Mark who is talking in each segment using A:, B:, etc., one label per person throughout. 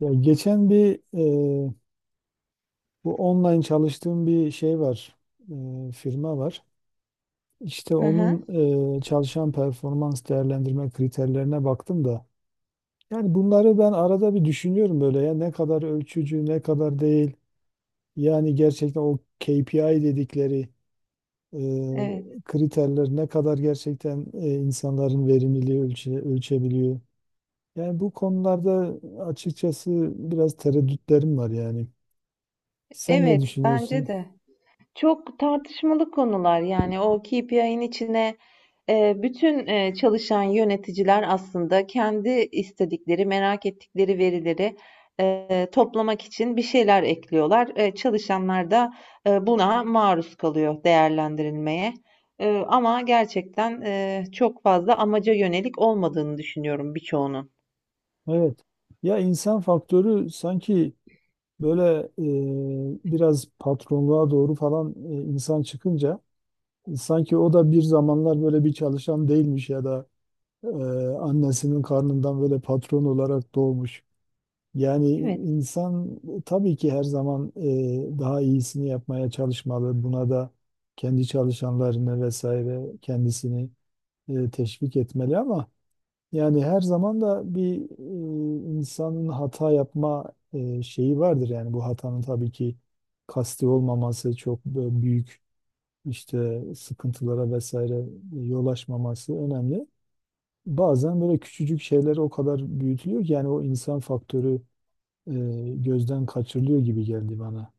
A: Ya geçen bir e, bu online çalıştığım bir şey var, firma var. İşte
B: Hı hı,
A: onun çalışan performans değerlendirme kriterlerine baktım da. Yani bunları ben arada bir düşünüyorum böyle ya ne kadar ölçücü, ne kadar değil. Yani gerçekten o KPI dedikleri e,
B: evet.
A: kriterler ne kadar gerçekten insanların verimliliği ölçebiliyor. Yani bu konularda açıkçası biraz tereddütlerim var yani. Sen ne
B: Evet, bence
A: düşünüyorsun?
B: de. Çok tartışmalı konular yani o KPI'nin içine bütün çalışan yöneticiler aslında kendi istedikleri, merak ettikleri verileri toplamak için bir şeyler ekliyorlar. Çalışanlar da buna maruz kalıyor değerlendirilmeye. Ama gerçekten çok fazla amaca yönelik olmadığını düşünüyorum birçoğunun.
A: Evet. Ya insan faktörü sanki böyle biraz patronluğa doğru falan insan çıkınca sanki o da bir zamanlar böyle bir çalışan değilmiş ya da e, annesinin karnından böyle patron olarak doğmuş. Yani
B: Evet,
A: insan tabii ki her zaman daha iyisini yapmaya çalışmalı. Buna da kendi çalışanlarını vesaire kendisini teşvik etmeli ama yani her zaman da bir insanın hata yapma şeyi vardır. Yani bu hatanın tabii ki kasti olmaması çok büyük işte sıkıntılara vesaire yol açmaması önemli. Bazen böyle küçücük şeyler o kadar büyütülüyor ki yani o insan faktörü e, gözden kaçırılıyor gibi geldi bana.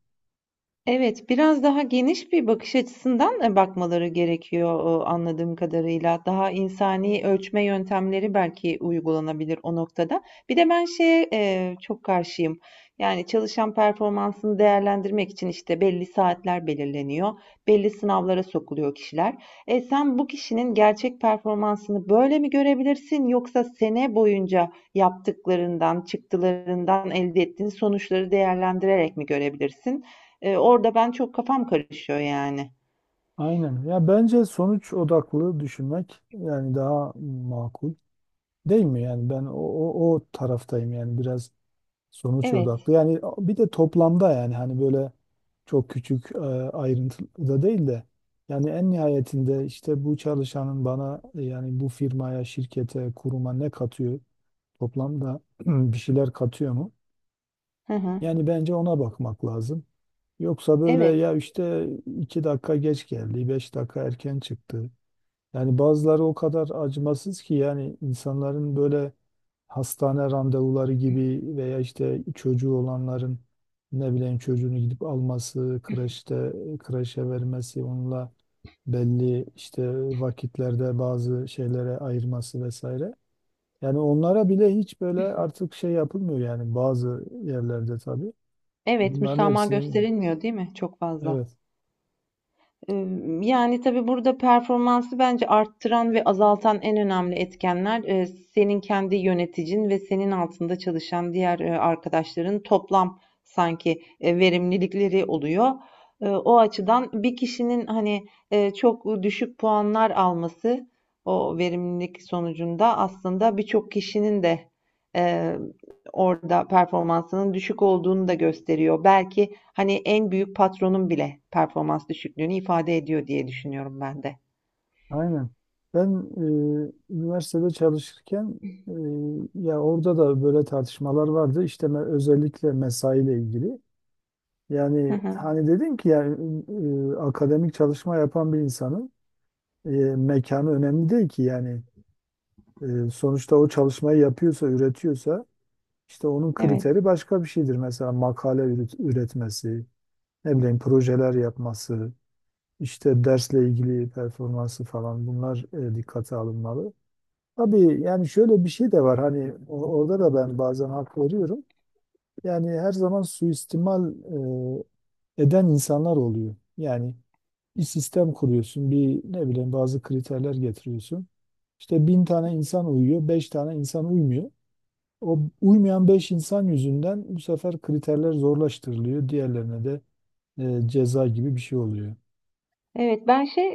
B: evet, biraz daha geniş bir bakış açısından, bakmaları gerekiyor, anladığım kadarıyla. Daha insani ölçme yöntemleri belki uygulanabilir o noktada. Bir de ben şeye, çok karşıyım. Yani çalışan performansını değerlendirmek için, işte, belli saatler belirleniyor, belli sınavlara sokuluyor kişiler. Sen bu kişinin gerçek performansını böyle mi görebilirsin yoksa sene boyunca yaptıklarından, çıktılarından elde ettiğin sonuçları değerlendirerek mi görebilirsin? Orada ben çok kafam karışıyor yani.
A: Aynen. Ya bence sonuç odaklı düşünmek yani daha makul değil mi? Yani ben o taraftayım yani biraz. Sonuç
B: Evet.
A: odaklı. Yani bir de toplamda yani hani böyle çok küçük ayrıntıda değil de yani en nihayetinde işte bu çalışanın bana yani bu firmaya, şirkete, kuruma ne katıyor? Toplamda bir şeyler katıyor mu?
B: Hı hı.
A: Yani bence ona bakmak lazım. Yoksa böyle
B: Evet.
A: ya işte 2 dakika geç geldi, 5 dakika erken çıktı. Yani bazıları o kadar acımasız ki yani insanların böyle hastane randevuları gibi veya işte çocuğu olanların ne bileyim çocuğunu gidip alması, kreşe vermesi, onunla belli işte vakitlerde bazı şeylere ayırması vesaire. Yani onlara bile hiç böyle artık şey yapılmıyor yani bazı yerlerde tabii.
B: Evet,
A: Bunların
B: müsamaha
A: hepsinin,
B: gösterilmiyor değil mi çok fazla?
A: evet.
B: Yani, tabii burada performansı bence arttıran ve azaltan en önemli etkenler, senin kendi yöneticin ve senin altında çalışan diğer, arkadaşların toplam sanki, verimlilikleri oluyor. O açıdan bir kişinin, hani, çok düşük puanlar alması o verimlilik sonucunda aslında birçok kişinin de, eee, orada performansının düşük olduğunu da gösteriyor. Belki hani en büyük patronun bile performans düşüklüğünü ifade ediyor diye düşünüyorum ben de.
A: Aynen. Ben üniversitede çalışırken e, ya orada da böyle tartışmalar vardı. İşte özellikle mesaiyle ilgili.
B: Hı
A: Yani
B: hı.
A: hani dedim ki yani akademik çalışma yapan bir insanın e, mekanı önemli değil ki yani. Sonuçta o çalışmayı yapıyorsa, üretiyorsa işte onun
B: Evet.
A: kriteri başka bir şeydir. Mesela makale üretmesi, ne bileyim projeler yapması, işte dersle ilgili performansı falan bunlar dikkate alınmalı. Tabii yani şöyle bir şey de var hani orada da ben bazen hak veriyorum. Yani her zaman suistimal eden insanlar oluyor. Yani bir sistem kuruyorsun, bir ne bileyim bazı kriterler getiriyorsun. İşte bin tane insan uyuyor, beş tane insan uymuyor. O uymayan beş insan yüzünden bu sefer kriterler zorlaştırılıyor. Diğerlerine de ceza gibi bir şey oluyor.
B: Evet ben şey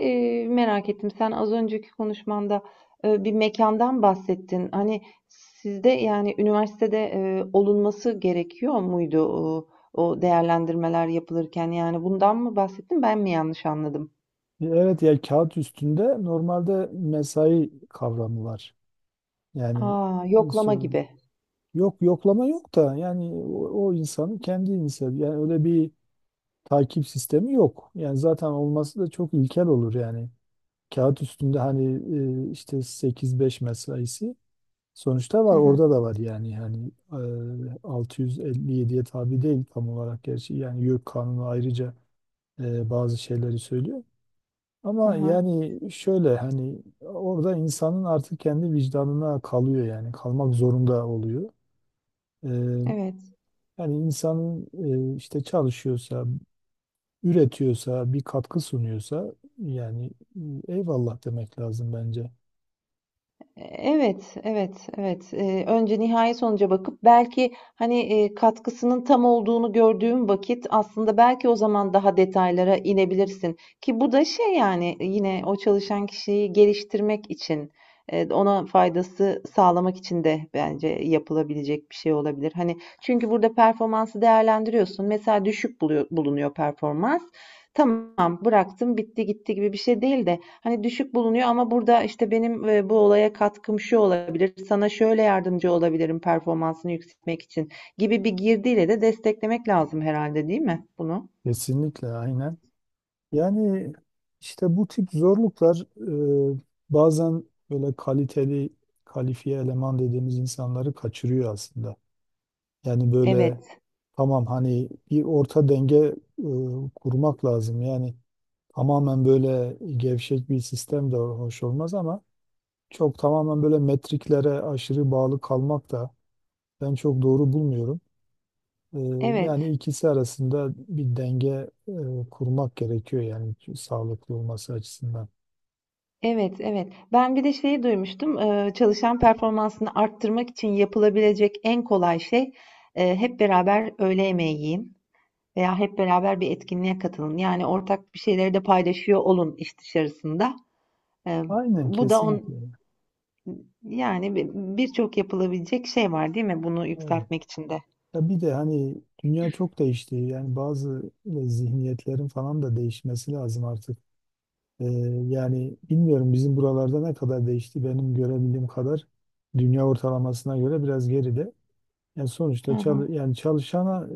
B: merak ettim. Sen az önceki konuşmanda bir mekandan bahsettin. Hani sizde yani üniversitede olunması gerekiyor muydu o değerlendirmeler yapılırken? Yani bundan mı bahsettin? Ben mi yanlış anladım?
A: Evet, ya kağıt üstünde normalde mesai kavramı var.
B: Ha,
A: Yani e,
B: yoklama
A: so
B: gibi.
A: yok, yoklama yok da yani o insanın kendi insanı yani öyle bir takip sistemi yok. Yani zaten olması da çok ilkel olur yani. Kağıt üstünde hani işte sekiz beş mesaisi sonuçta
B: Hı
A: var,
B: hı,
A: orada da var yani, 657'ye tabi değil tam olarak gerçi, yani YÖK kanunu ayrıca bazı şeyleri söylüyor.
B: hı
A: Ama
B: hı.
A: yani şöyle hani orada insanın artık kendi vicdanına kalıyor yani, kalmak zorunda oluyor. E,
B: Evet.
A: Yani insanın işte çalışıyorsa, üretiyorsa, bir katkı sunuyorsa yani eyvallah demek lazım bence.
B: Evet, evet, evet. Önce nihai sonuca bakıp belki hani katkısının tam olduğunu gördüğüm vakit aslında belki o zaman daha detaylara inebilirsin. Ki bu da şey yani yine o çalışan kişiyi geliştirmek için, ona faydası sağlamak için de bence yapılabilecek bir şey olabilir. Hani çünkü burada performansı değerlendiriyorsun. Mesela düşük bulunuyor performans. Tamam, bıraktım, bitti gitti gibi bir şey değil de hani düşük bulunuyor ama burada işte benim bu olaya katkım şu olabilir, sana şöyle yardımcı olabilirim performansını yükseltmek için gibi bir girdiyle de desteklemek lazım herhalde değil mi bunu?
A: Kesinlikle aynen. Yani işte bu tip zorluklar e, bazen böyle kaliteli, kalifiye eleman dediğimiz insanları kaçırıyor aslında. Yani böyle
B: Evet,
A: tamam hani bir orta denge kurmak lazım. Yani tamamen böyle gevşek bir sistem de hoş olmaz ama çok tamamen böyle metriklere aşırı bağlı kalmak da ben çok doğru bulmuyorum. Ee, yani
B: evet,
A: ikisi arasında bir denge kurmak gerekiyor yani, sağlıklı olması açısından.
B: evet, evet. Ben bir de şeyi duymuştum. Çalışan performansını arttırmak için yapılabilecek en kolay şey hep beraber öğle yemeği yiyin veya hep beraber bir etkinliğe katılın. Yani ortak bir şeyleri de paylaşıyor olun iş dışarısında. Eee,
A: Aynen
B: bu da
A: kesinlikle.
B: yani birçok yapılabilecek şey var değil mi bunu
A: Evet.
B: yükseltmek için de?
A: Ya bir de hani dünya çok değişti. Yani bazı zihniyetlerin falan da değişmesi lazım artık. Ee, yani bilmiyorum bizim buralarda ne kadar değişti. Benim görebildiğim kadar dünya ortalamasına göre biraz geride. Yani
B: Hı
A: sonuçta
B: hı.
A: yani çalışana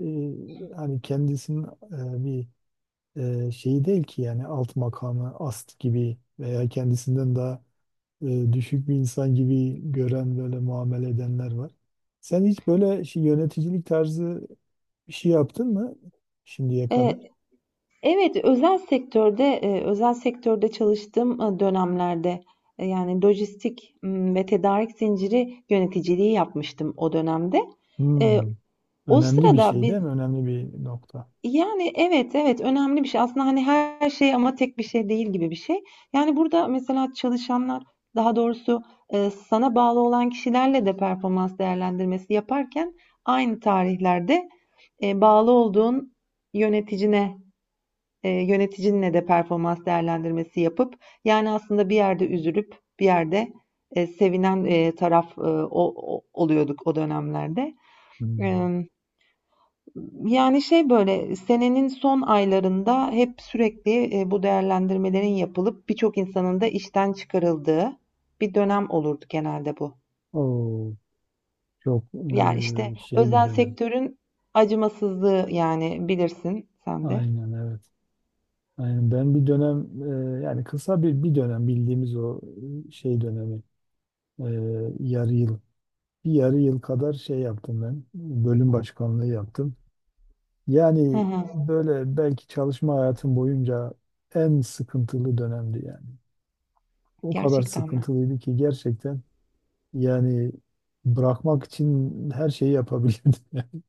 A: hani kendisinin bir şeyi değil ki yani, alt makamı ast gibi veya kendisinden daha düşük bir insan gibi gören, böyle muamele edenler var. Sen hiç böyle şey, yöneticilik tarzı bir şey yaptın mı şimdiye
B: E,
A: kadar?
B: evet, özel sektörde çalıştığım dönemlerde yani lojistik ve tedarik zinciri yöneticiliği yapmıştım o dönemde. E,
A: Hmm,
B: o
A: önemli bir
B: sırada
A: şey
B: biz
A: değil mi? Önemli bir nokta.
B: Yani, evet, evet, önemli bir şey. Aslında, hani, her şey ama tek bir şey değil gibi bir şey. Yani, burada mesela çalışanlar, daha doğrusu, sana bağlı olan kişilerle de performans değerlendirmesi yaparken aynı tarihlerde, bağlı olduğun yöneticine, yöneticinle de performans değerlendirmesi yapıp, yani, aslında bir yerde üzülüp bir yerde, sevinen, taraf, o oluyorduk o dönemlerde.
A: Hmm.
B: Yani, şey, böyle, senenin son aylarında hep sürekli, bu değerlendirmelerin yapılıp birçok insanın da işten çıkarıldığı bir dönem olurdu genelde bu.
A: Oo, çok
B: Yani işte,
A: şey bir
B: özel
A: dönem.
B: sektörün acımasızlığı, yani, bilirsin sen de.
A: Aynen evet. Yani ben bir dönem yani kısa bir dönem, bildiğimiz o şey dönemi, e, yarı yıl, bir yarı yıl kadar şey yaptım, ben bölüm başkanlığı yaptım.
B: Hı
A: Yani
B: hı.
A: böyle belki çalışma hayatım boyunca en sıkıntılı dönemdi yani. O kadar
B: Gerçekten mi?
A: sıkıntılıydı ki gerçekten, yani bırakmak için her şeyi yapabilirdim.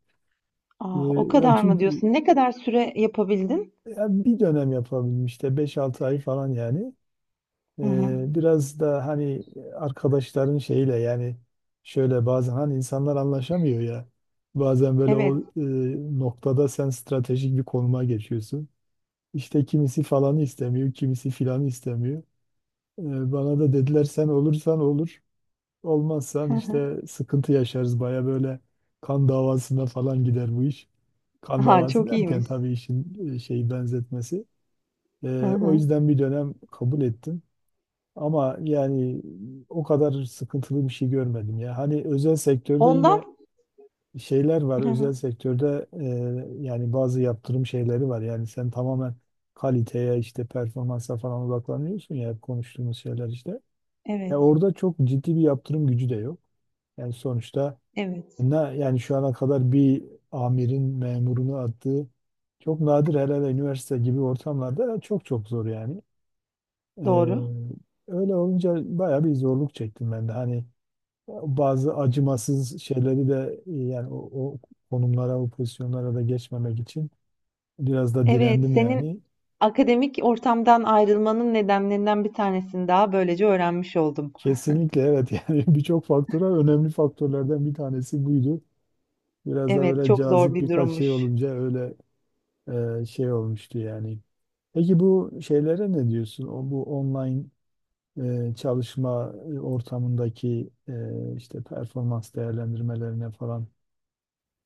B: Ah, o kadar mı
A: Çünkü
B: diyorsun? Ne kadar süre yapabildin?
A: yani bir dönem yapabildim işte 5-6 ay falan yani.
B: Hı hı.
A: Biraz da hani arkadaşların şeyiyle yani, şöyle bazen hani insanlar anlaşamıyor ya. Bazen böyle o
B: Evet.
A: noktada sen stratejik bir konuma geçiyorsun. İşte kimisi falanı istemiyor, kimisi filanı istemiyor. Bana da dediler, sen olursan olur, olmazsan
B: Hı hı.
A: işte sıkıntı yaşarız. Baya böyle kan davasına falan gider bu iş. Kan
B: A,
A: davası
B: çok
A: derken
B: iyiymiş.
A: tabii işin şeyi, benzetmesi.
B: Hı
A: O
B: hı.
A: yüzden bir dönem kabul ettim. Ama yani o kadar sıkıntılı bir şey görmedim ya. Hani özel sektörde
B: Ondan
A: yine şeyler var.
B: Hı hı.
A: Özel sektörde yani bazı yaptırım şeyleri var. Yani sen tamamen kaliteye, işte performansa falan odaklanıyorsun ya, hep konuştuğumuz şeyler işte. Ya
B: Evet,
A: orada çok ciddi bir yaptırım gücü de yok. Yani sonuçta
B: evet.
A: ne yani, şu ana kadar bir amirin memurunu attığı çok nadir, hele hele üniversite gibi ortamlarda çok çok zor yani. Ee,
B: Doğru.
A: öyle olunca bayağı bir zorluk çektim ben de. Hani bazı acımasız şeyleri de yani o konumlara, o pozisyonlara da geçmemek için biraz da
B: Evet,
A: direndim
B: senin
A: yani.
B: akademik ortamdan ayrılmanın nedenlerinden bir tanesini daha böylece öğrenmiş oldum.
A: Kesinlikle evet. Yani birçok faktör var. Önemli faktörlerden bir tanesi buydu. Biraz da
B: Evet,
A: böyle
B: çok zor
A: cazip
B: bir
A: birkaç şey
B: durummuş.
A: olunca öyle şey olmuştu yani. Peki bu şeylere ne diyorsun? O bu online çalışma ortamındaki işte performans değerlendirmelerine falan.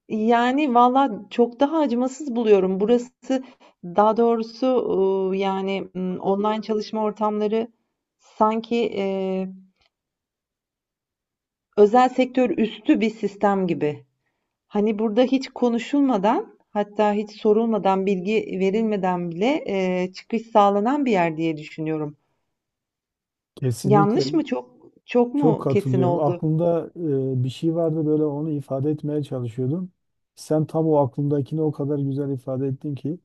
B: Yani valla çok daha acımasız buluyorum. Burası daha doğrusu yani online çalışma ortamları sanki özel sektör üstü bir sistem gibi. Hani burada hiç konuşulmadan hatta hiç sorulmadan bilgi verilmeden bile çıkış sağlanan bir yer diye düşünüyorum.
A: Kesinlikle,
B: Yanlış mı? Çok çok
A: çok
B: mu kesin
A: katılıyorum.
B: oldu?
A: Aklımda bir şey vardı, böyle onu ifade etmeye çalışıyordum. Sen tam o aklımdakini o kadar güzel ifade ettin ki.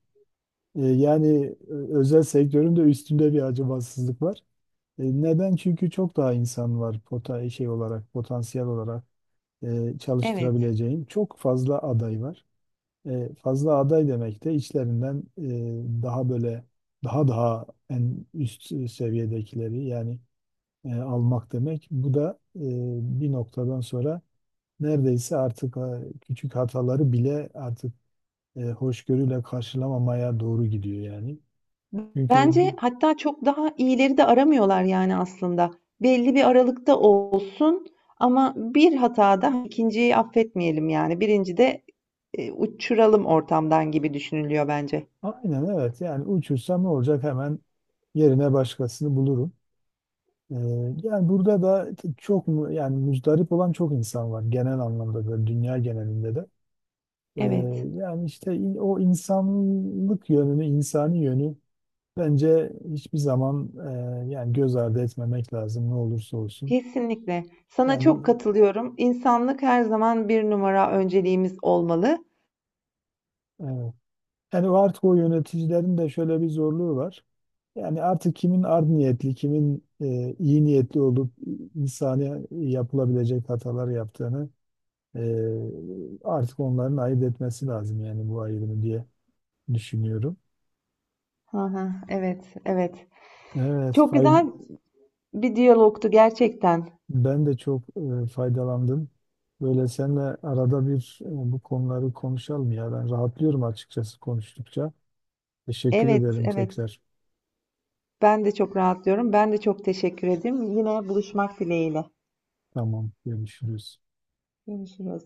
A: Yani özel sektörün de üstünde bir acımasızlık var. Neden? Çünkü çok daha insan var pota şey olarak, potansiyel olarak
B: Evet.
A: çalıştırabileceğin. Çok fazla aday var. Fazla aday demek de içlerinden daha böyle daha daha en üst seviyedekileri yani almak demek. Bu da bir noktadan sonra neredeyse artık küçük hataları bile artık hoşgörüyle karşılamamaya doğru gidiyor yani. Çünkü
B: Bence hatta çok daha iyileri de aramıyorlar yani aslında. Belli bir aralıkta olsun ama bir hatada ikinciyi affetmeyelim yani. Birinci de uçuralım ortamdan gibi düşünülüyor bence.
A: aynen evet, yani uçursam ne olacak, hemen yerine başkasını bulurum. E, yani burada da çok mu yani, muzdarip olan çok insan var genel anlamda, böyle dünya genelinde de. E,
B: Evet.
A: yani işte o insanlık yönünü, insani yönü. Bence hiçbir zaman yani göz ardı etmemek lazım ne olursa olsun.
B: Kesinlikle. Sana çok
A: Yani
B: katılıyorum. İnsanlık her zaman bir numara önceliğimiz olmalı.
A: evet. Yani o artık o yöneticilerin de şöyle bir zorluğu var. Yani artık kimin art niyetli, kimin iyi niyetli olup insani yapılabilecek hatalar yaptığını e, artık onların ayırt etmesi lazım yani, bu ayrımı diye düşünüyorum.
B: Hı hı, evet, evet.
A: Evet,
B: Çok
A: fay-
B: güzel bir diyalogtu gerçekten.
A: Ben de çok faydalandım. Böyle seninle arada bir bu konuları konuşalım ya. Ben rahatlıyorum açıkçası konuştukça. Teşekkür
B: Evet,
A: ederim
B: evet.
A: tekrar.
B: Ben de çok rahatlıyorum. Ben de çok teşekkür ederim. Yine buluşmak dileğiyle.
A: Tamam, görüşürüz.
B: Görüşürüz.